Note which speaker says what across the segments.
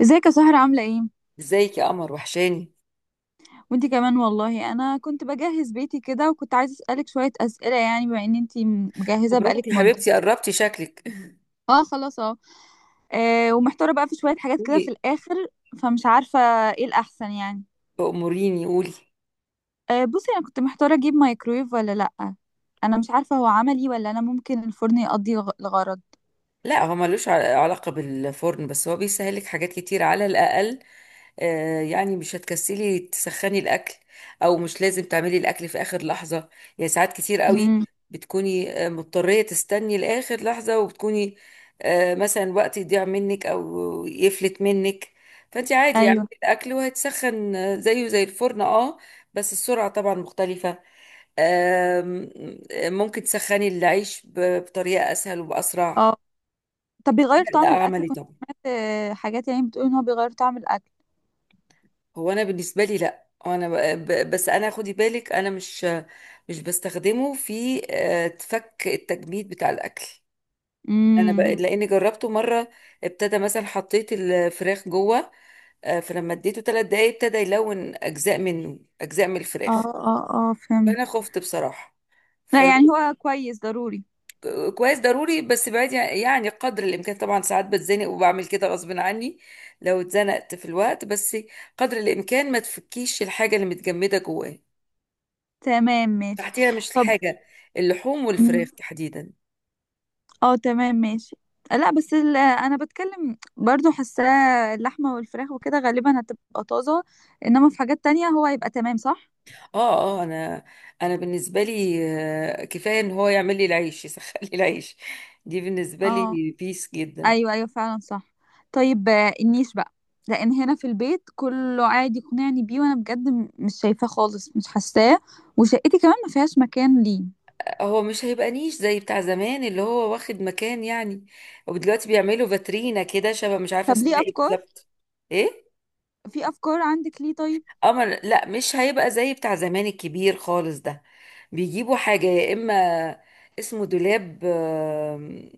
Speaker 1: ازيك يا سهرة عاملة ايه؟
Speaker 2: ازيك يا قمر؟ وحشاني.
Speaker 1: وانتي كمان والله انا كنت بجهز بيتي كده وكنت عايزة اسألك شوية اسئلة، يعني بما ان انتي مجهزة
Speaker 2: مبروك
Speaker 1: بقالك
Speaker 2: يا
Speaker 1: مدة.
Speaker 2: حبيبتي، قربتي شكلك.
Speaker 1: اه خلاص اه. ومحتارة بقى في شوية حاجات كده في
Speaker 2: قولي،
Speaker 1: الاخر، فمش عارفة ايه الاحسن يعني.
Speaker 2: أموريني قولي.
Speaker 1: آه بصي، انا كنت محتارة اجيب مايكرويف ولا لأ، انا مش عارفة هو عملي ولا انا ممكن الفرن يقضي الغرض.
Speaker 2: لا، هو ملوش علاقة بالفرن، بس هو بيسهلك حاجات كتير على الأقل. يعني مش هتكسلي تسخني الأكل، أو مش لازم تعملي الأكل في آخر لحظة. يعني ساعات كتير قوي
Speaker 1: امم
Speaker 2: بتكوني مضطرية تستني لآخر لحظة، وبتكوني مثلا وقت يضيع منك أو يفلت منك. فأنت عادي اعملي
Speaker 1: ايوه.
Speaker 2: الأكل وهيتسخن، زيه زي الفرن، اه. بس السرعة طبعا مختلفة. آم، ممكن تسخني العيش بطريقة أسهل وبأسرع.
Speaker 1: اه، طب بيغير
Speaker 2: لا،
Speaker 1: طعم الاكل؟
Speaker 2: عملي
Speaker 1: كنت
Speaker 2: طبعا.
Speaker 1: سمعت حاجات يعني بتقول ان هو بيغير طعم الاكل.
Speaker 2: هو انا بالنسبه لي لا، انا بس انا خدي بالك، انا مش بستخدمه في تفك التجميد بتاع الاكل.
Speaker 1: امم.
Speaker 2: لاني جربته مره، ابتدى مثلا حطيت الفراخ جوه. فلما اديته ثلاث دقايق ابتدى يلون اجزاء منه، اجزاء من
Speaker 1: اه
Speaker 2: الفراخ.
Speaker 1: اه. اه فهمت.
Speaker 2: فانا خفت بصراحه.
Speaker 1: لا
Speaker 2: فانا
Speaker 1: يعني هو كويس ضروري.
Speaker 2: كويس ضروري، بس بعيد يعني قدر الامكان. طبعا ساعات بتزنق وبعمل كده غصب عني، لو اتزنقت في الوقت. بس قدر الامكان ما تفكيش الحاجه اللي متجمده جواه،
Speaker 1: تمام ماشي.
Speaker 2: تحتيها مش
Speaker 1: طب
Speaker 2: الحاجه. اللحوم
Speaker 1: مم.
Speaker 2: والفراخ تحديدا.
Speaker 1: اه تمام ماشي. لا بس انا بتكلم برضو، حاساه اللحمه والفراخ وكده غالبا هتبقى طازه، انما في حاجات تانية هو هيبقى تمام، صح.
Speaker 2: اه اه انا انا بالنسبه لي، كفايه ان هو يعمل لي العيش يسخن لي العيش. دي بالنسبه
Speaker 1: اه
Speaker 2: لي بيس جدا.
Speaker 1: ايوه ايوه، فعلا صح. طيب، النيش بقى، لان هنا في البيت كله عادي يقنعني بيه، وانا بجد مش شايفاه خالص، مش حاساه، وشقتي كمان ما فيهاش مكان ليه.
Speaker 2: هو مش هيبقى نيش زي بتاع زمان اللي هو واخد مكان يعني، ودلوقتي بيعملوا فاترينا كده شبه، مش عارفه
Speaker 1: طب
Speaker 2: اسمها
Speaker 1: ليه
Speaker 2: ايه
Speaker 1: افكار،
Speaker 2: بالظبط. ايه؟
Speaker 1: في افكار عندك ليه طيب؟
Speaker 2: قمر، لا مش هيبقى زي بتاع زمان الكبير خالص ده. بيجيبوا حاجة، يا إما اسمه دولاب،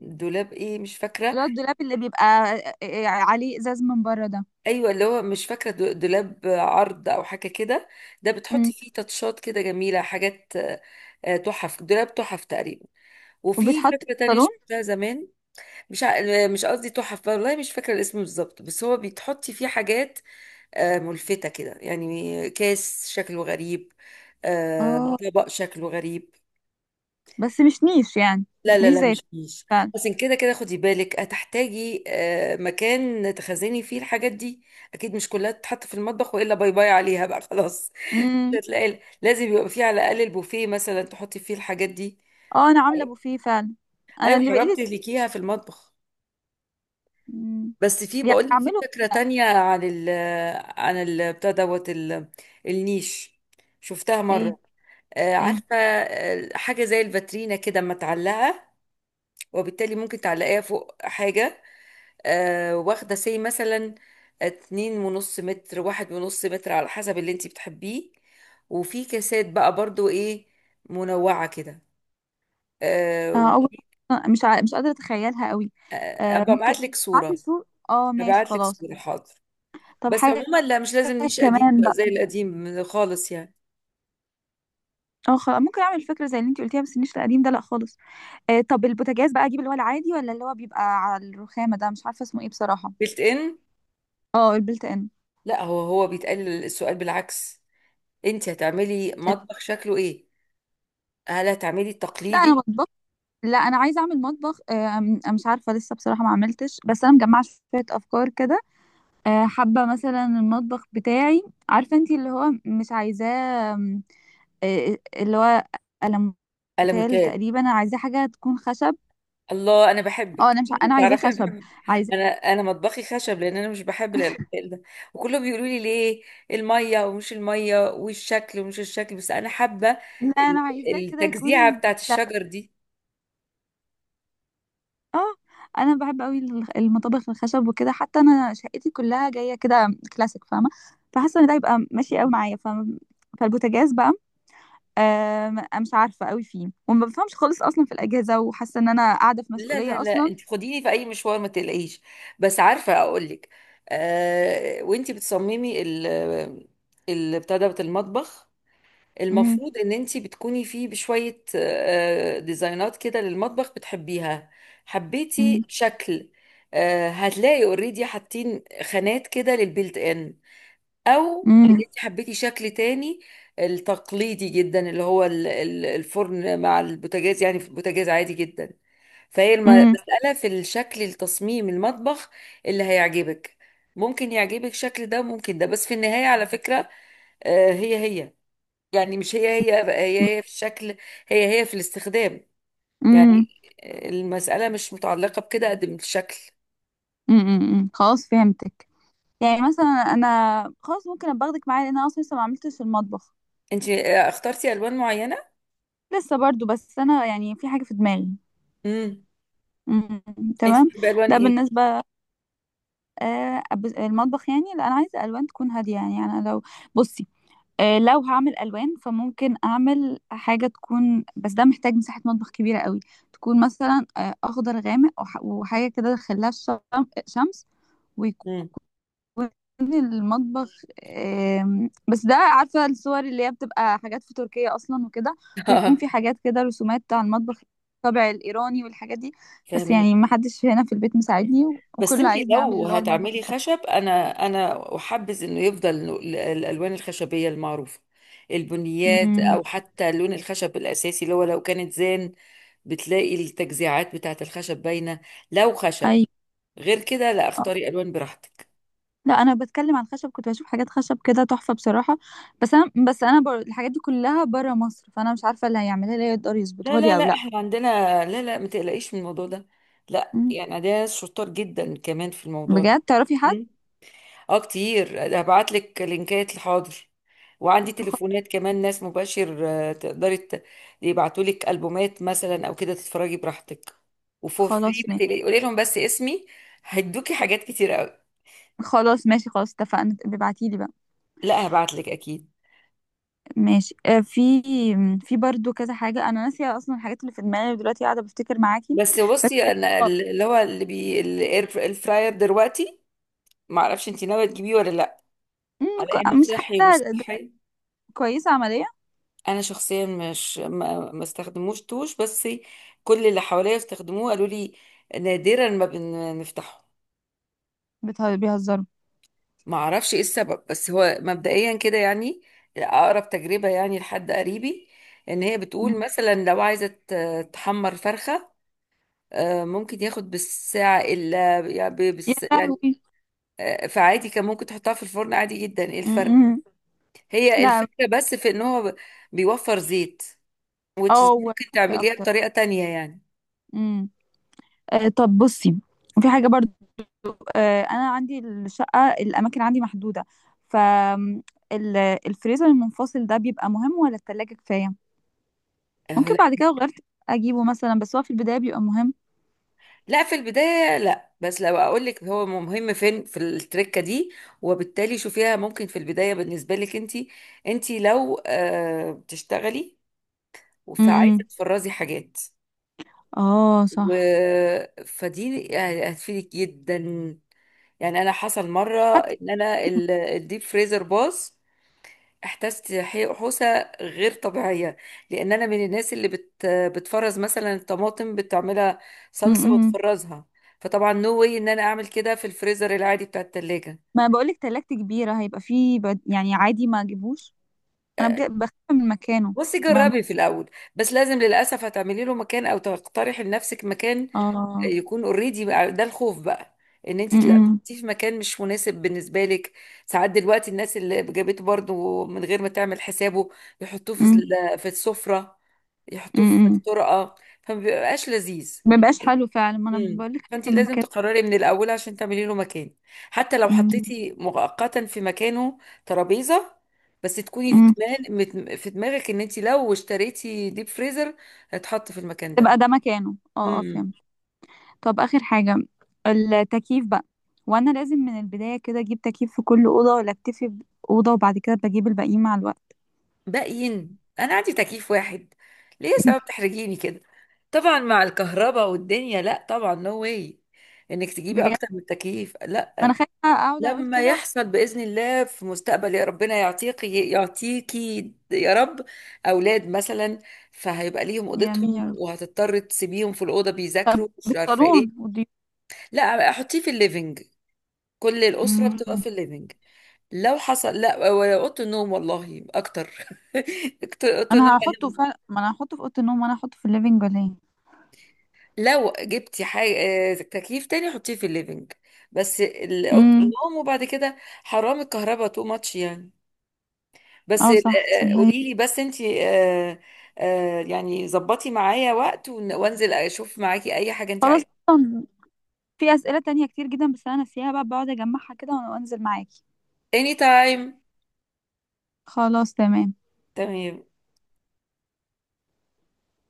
Speaker 2: دولاب ايه مش فاكرة.
Speaker 1: اللي هو الدولاب اللي بيبقى عليه ازاز من بره ده.
Speaker 2: ايوه، اللي هو مش فاكرة دولاب عرض او حاجة كده. ده بتحطي
Speaker 1: مم.
Speaker 2: فيه تاتشات كده جميلة، حاجات آه،، تحف، دولاب تحف تقريبا. وفي
Speaker 1: وبيتحط في
Speaker 2: فكرة تانية
Speaker 1: الصالون.
Speaker 2: شفتها زمان. مش ع... مش قصدي تحف، والله مش فاكرة الاسم بالظبط، بس هو بتحطي فيه حاجات ملفتة كده، يعني كاس شكله غريب،
Speaker 1: اه،
Speaker 2: طبق شكله غريب.
Speaker 1: بس مش نيش يعني،
Speaker 2: لا
Speaker 1: مش
Speaker 2: لا
Speaker 1: نيش
Speaker 2: لا،
Speaker 1: زي.
Speaker 2: مش كيس.
Speaker 1: فعلا.
Speaker 2: بس كده كده خدي بالك، هتحتاجي مكان تخزني فيه الحاجات دي. اكيد مش كلها تتحط في المطبخ، والا باي باي عليها بقى خلاص. مش
Speaker 1: امم.
Speaker 2: هتلاقي، لازم يبقى فيه على الاقل البوفيه مثلا تحطي فيه الحاجات دي.
Speaker 1: اه انا عامله بوفيه فعلا، انا
Speaker 2: ايوه،
Speaker 1: اللي
Speaker 2: حرام
Speaker 1: بقيت.
Speaker 2: تهلكيها في المطبخ.
Speaker 1: مم.
Speaker 2: بس في،
Speaker 1: يعني
Speaker 2: بقول لك في
Speaker 1: اعمله.
Speaker 2: فكرة تانية عن ال بتاع دوت النيش، شفتها
Speaker 1: ايه.
Speaker 2: مرة.
Speaker 1: ايه.
Speaker 2: عارفة، حاجة زي الفاترينا كده اما تعلقها، وبالتالي ممكن تعلقيها فوق حاجة. واخدة سي مثلا اتنين ونص متر، واحد ونص متر، على حسب اللي انتي بتحبيه. وفي كاسات بقى برضو ايه، منوعة كده آه،.
Speaker 1: آه اول، مش قادره اتخيلها قوي. آه
Speaker 2: ابقى
Speaker 1: ممكن.
Speaker 2: ابعت لك
Speaker 1: معاكي
Speaker 2: صورة.
Speaker 1: صور؟ اه ماشي
Speaker 2: هبعت لك
Speaker 1: خلاص.
Speaker 2: صورة، حاضر.
Speaker 1: طب
Speaker 2: بس
Speaker 1: حاجه
Speaker 2: عموما لا، مش لازم نيش قديم
Speaker 1: كمان
Speaker 2: بقى
Speaker 1: بقى.
Speaker 2: زي القديم خالص يعني.
Speaker 1: اه خلاص، ممكن اعمل فكره زي اللي انت قلتيها، بس النيش القديم ده لا خالص. آه، طب البوتاجاز بقى اجيب اللي هو العادي، ولا اللي هو بيبقى على الرخامه ده؟ مش عارفه اسمه ايه بصراحه.
Speaker 2: بيلت ان.
Speaker 1: اه البلت ان.
Speaker 2: لا، هو هو بيتقال السؤال بالعكس. انتي هتعملي مطبخ شكله ايه؟ هل هتعملي
Speaker 1: لا انا
Speaker 2: التقليدي؟
Speaker 1: بطبخ. لا انا عايزه اعمل مطبخ، مش عارفه لسه بصراحه، ما عملتش، بس انا مجمعه شويه افكار كده. حابه مثلا المطبخ بتاعي، عارفه انتي اللي هو مش عايزاه، آم، آه، آه، اللي هو
Speaker 2: ألا
Speaker 1: الموتيل
Speaker 2: مثال،
Speaker 1: تقريبا. انا عايزاه حاجه تكون خشب.
Speaker 2: الله انا
Speaker 1: اه
Speaker 2: بحبك
Speaker 1: انا مش ع- انا عايزاه
Speaker 2: تعرفي انا
Speaker 1: خشب،
Speaker 2: بحبك.
Speaker 1: عايزاه.
Speaker 2: انا مطبخي خشب، لان انا مش بحب الالمثال ده، وكلهم بيقولوا لي ليه، الميه ومش الميه، والشكل ومش الشكل، بس انا حابه
Speaker 1: لا
Speaker 2: ال-
Speaker 1: انا عايزاه كده
Speaker 2: التجزيعه
Speaker 1: يكون.
Speaker 2: بتاعت
Speaker 1: لا.
Speaker 2: الشجر دي.
Speaker 1: اه انا بحب قوي المطابخ الخشب وكده، حتى انا شقتي كلها جايه كده كلاسيك، فاهمه؟ فحاسه ان ده يبقى ماشي قوي معايا، فاهمه؟ فالبوتاجاز بقى، م مش عارفة أوي فيه، وما بافهمش خالص أصلًا في الأجهزة، وحاسة إن أنا قاعدة في
Speaker 2: لا لا
Speaker 1: مسؤولية
Speaker 2: لا
Speaker 1: أصلًا.
Speaker 2: انت خديني في اي مشوار ما تقلقيش، بس عارفه اقول لك. آه، وانت بتصممي ال بتاع دوت المطبخ،
Speaker 1: إمم،
Speaker 2: المفروض ان انتي بتكوني فيه بشوية ديزاينات كده للمطبخ بتحبيها. حبيتي
Speaker 1: إمم،
Speaker 2: شكل، هتلاقي اوريدي حاطين خانات كده للبيلت ان، او ان
Speaker 1: إمم،
Speaker 2: انتي حبيتي شكل تاني. التقليدي جدا اللي هو الفرن مع البوتاجاز، يعني في البوتاجاز عادي جدا. فهي
Speaker 1: إمم،
Speaker 2: المسألة في الشكل، التصميم المطبخ اللي هيعجبك. ممكن يعجبك شكل ده، ممكن ده، بس في النهاية على فكرة هي هي. يعني مش هي هي بقى، هي هي في الشكل، هي هي في الاستخدام. يعني
Speaker 1: إمم،
Speaker 2: المسألة مش متعلقة بكده قد من الشكل.
Speaker 1: إمم، إمم، إمم، خلاص فهمتِك. يعني مثلًا أنا خلاص ممكن أبقى آخدِك معايا، لإن أنا أصلًا لسه ما عملتش في المطبخ،
Speaker 2: انت اخترتي الوان معينة؟
Speaker 1: لسه برضه، بس أنا يعني في حاجة في دماغي.
Speaker 2: امم.
Speaker 1: إمم،
Speaker 2: انت
Speaker 1: تمام،
Speaker 2: بتحبي الوان
Speaker 1: ده
Speaker 2: ايه؟
Speaker 1: بالنسبة، أب المطبخ يعني، لأ أنا عايزة ألوان تكون هادية يعني، أنا لو بُصي، لو هعمل الوان فممكن اعمل حاجه تكون، بس ده محتاج مساحه مطبخ كبيره قوي. تكون مثلا اخضر غامق، وحاجه كده دخلها شمس، ويكون
Speaker 2: امم،
Speaker 1: المطبخ، بس ده عارفه الصور اللي هي بتبقى حاجات في تركيا اصلا وكده، ويكون
Speaker 2: اه،
Speaker 1: في حاجات كده رسومات على المطبخ، الطابع الايراني والحاجات دي. بس
Speaker 2: فهمك
Speaker 1: يعني ما حدش هنا في البيت مساعدني،
Speaker 2: بس
Speaker 1: وكله
Speaker 2: انت
Speaker 1: عايزني اعمل
Speaker 2: لو
Speaker 1: اللي هو المطبخ
Speaker 2: هتعملي
Speaker 1: التقليدي.
Speaker 2: خشب، انا احبذ انه يفضل الالوان الخشبية المعروفة، البنيات،
Speaker 1: امم.
Speaker 2: او حتى لون الخشب الاساسي اللي هو لو كانت زان، بتلاقي التجزيعات بتاعت الخشب باينة. لو خشب،
Speaker 1: ايوه.
Speaker 2: غير كده لا اختاري الوان براحتك.
Speaker 1: لا انا بتكلم عن خشب، كنت بشوف حاجات خشب كده تحفه بصراحه، بس انا الحاجات دي كلها بره مصر، فانا مش عارفه اللي هيعملها لي يقدر
Speaker 2: لا
Speaker 1: يظبطها
Speaker 2: لا
Speaker 1: لي
Speaker 2: لا
Speaker 1: او لا.
Speaker 2: احنا عندنا، لا لا ما تقلقيش من الموضوع ده. لا،
Speaker 1: مم.
Speaker 2: يعني عندنا ناس شطار جدا كمان في الموضوع ده.
Speaker 1: بجد تعرفي حد؟
Speaker 2: مم. اه كتير، هبعت لك لينكات الحاضر، وعندي
Speaker 1: خ...
Speaker 2: تليفونات كمان، ناس مباشر، تقدري يبعتوا لك البومات مثلا او كده تتفرجي براحتك. وفور فري،
Speaker 1: خلاص
Speaker 2: ما
Speaker 1: ماشي.
Speaker 2: تقلقي، قولي لهم بس اسمي. هيدوكي حاجات كتير قوي.
Speaker 1: خلاص ماشي، خلاص اتفقنا، ابعتي لي بقى.
Speaker 2: لا هبعت لك اكيد.
Speaker 1: ماشي. في برضو كذا حاجه انا ناسيه اصلا، الحاجات اللي في دماغي دلوقتي قاعده بفتكر معاكي.
Speaker 2: بس
Speaker 1: بس
Speaker 2: بصي، انا
Speaker 1: آه،
Speaker 2: اللي هو اللي بي، الفراير دلوقتي، ما اعرفش انت ناويه تجيبيه ولا لا، على انه
Speaker 1: مم، مش
Speaker 2: صحي ومش
Speaker 1: حاسه
Speaker 2: صحي.
Speaker 1: كويسه عمليه.
Speaker 2: انا شخصيا مش، ما استخدموش توش، بس كل اللي حواليا استخدموه قالوا لي نادرا ما بنفتحه.
Speaker 1: بيهزروا.
Speaker 2: ما اعرفش ايه السبب، بس هو مبدئيا كده يعني. اقرب تجربة يعني لحد قريبي، ان هي بتقول
Speaker 1: مم.
Speaker 2: مثلا لو عايزة تحمر فرخة، ممكن ياخد بالساعة إلا يعني،
Speaker 1: يا
Speaker 2: يعني،
Speaker 1: لهوي.
Speaker 2: فعادي كان ممكن تحطها في الفرن عادي جدا، ايه
Speaker 1: مم،
Speaker 2: الفرق؟
Speaker 1: مم.
Speaker 2: هي
Speaker 1: لا.
Speaker 2: الفكرة بس في ان هو بيوفر زيت، which is
Speaker 1: اه
Speaker 2: ممكن
Speaker 1: وحشة
Speaker 2: تعمليها
Speaker 1: اكتر.
Speaker 2: بطريقة تانية يعني.
Speaker 1: مم. طب بصي، في حاجة برضو، أنا عندي الشقة الأماكن عندي محدودة، ف م، الفريزر المنفصل ده بيبقى مهم ولا التلاجة كفاية؟ ممكن بعد كده لو غيرت أجيبه مثلا، بس هو في البداية بيبقى مهم.
Speaker 2: لا، في البداية لا، بس لو اقول لك، هو مهم فين في التركة دي. وبالتالي شوفيها ممكن في البداية بالنسبة لك، انت انت لو بتشتغلي فعايزة
Speaker 1: امم.
Speaker 2: تفرزي حاجات،
Speaker 1: اه
Speaker 2: و...
Speaker 1: صح.
Speaker 2: فدي يعني هتفيدك جدا. يعني انا حصل مرة
Speaker 1: حتى.
Speaker 2: ان انا الديب فريزر باظ، احتجت حوسه غير طبيعيه، لان انا من الناس اللي بتفرز مثلا الطماطم، بتعملها صلصه
Speaker 1: امم.
Speaker 2: وتفرزها. فطبعا نو واي ان انا اعمل كده في الفريزر العادي بتاع التلاجة.
Speaker 1: ما بقولك تلاجتي كبيرة، هيبقى فيه بد... يعني عادي ما أجيبوش، أنا بجد بخاف من مكانه.
Speaker 2: بصي
Speaker 1: ما.
Speaker 2: جربي في الاول، بس لازم للاسف هتعملي له مكان، او تقترحي لنفسك مكان
Speaker 1: اه.
Speaker 2: يكون اوريدي. ده الخوف بقى، ان انت تلاقيه
Speaker 1: امم.
Speaker 2: في مكان مش مناسب بالنسبه لك. ساعات دلوقتي الناس اللي جابته برضو من غير ما تعمل حسابه، يحطوه في في السفره، يحطوه في
Speaker 1: امم.
Speaker 2: الطرقه، فما بيبقاش لذيذ.
Speaker 1: ما بقاش حلو فعلا، ما أنا
Speaker 2: امم،
Speaker 1: بقولك
Speaker 2: فانت
Speaker 1: خايفة من
Speaker 2: لازم
Speaker 1: كده.
Speaker 2: تقرري من الاول عشان تعملي له مكان. حتى لو
Speaker 1: امم.
Speaker 2: حطيتي مؤقتا في مكانه ترابيزه، بس تكوني في دماغك ان انت لو اشتريتي ديب فريزر هتحط في المكان
Speaker 1: تبقى
Speaker 2: ده.
Speaker 1: ده مكانه، اه اه
Speaker 2: امم.
Speaker 1: فهمت. طب آخر حاجة، التكييف بقى، وأنا لازم من البداية كده أجيب تكييف في كل أوضة، ولا أكتفي بأوضة وبعد كده بجيب الباقيين مع الوقت؟
Speaker 2: باقيين، انا عندي تكييف واحد، ليه يا سبب تحرجيني كده؟ طبعا مع الكهرباء والدنيا، لا طبعا نو واي انك تجيبي
Speaker 1: بجد؟
Speaker 2: اكتر من تكييف،
Speaker 1: ما
Speaker 2: لا.
Speaker 1: أنا خايفة أقعد أقول
Speaker 2: لما
Speaker 1: كده.
Speaker 2: يحصل باذن الله في مستقبل، يا ربنا يعطيك، يعطيكي يا رب، اولاد مثلا، فهيبقى ليهم
Speaker 1: يا
Speaker 2: اوضتهم،
Speaker 1: مين يا رب.
Speaker 2: وهتضطر تسيبيهم في الاوضه بيذاكروا مش عارفه
Speaker 1: بالصالون
Speaker 2: ايه.
Speaker 1: والضيوف.
Speaker 2: لا احطيه في الليفينج، كل الاسره بتبقى
Speaker 1: أمم.
Speaker 2: في الليفينج. لو حصل لا، ولا اوضه النوم والله اكتر اوضه النوم.
Speaker 1: أنا هحطه فعلا، ما أنا هحطه في أوضة النوم، وأنا هحطه في الليفينج ولا إيه؟
Speaker 2: لو جبتي حاجة تكييف تاني، حطيه في الليفينج، بس اوضه
Speaker 1: أمم.
Speaker 2: النوم وبعد كده حرام، الكهرباء تو ماتش يعني. بس
Speaker 1: اه صح تصدقي.
Speaker 2: قولي لي، بس انتي يعني ظبطي معايا وقت وانزل اشوف معاكي اي حاجة انتي
Speaker 1: خلاص
Speaker 2: عايزة.
Speaker 1: أصلا، في أسئلة تانية كتير جدا بس أنا ناسيها بقى، بقعد أجمعها كده وأنزل معاكي.
Speaker 2: اني تايم.
Speaker 1: خلاص تمام.
Speaker 2: تمام.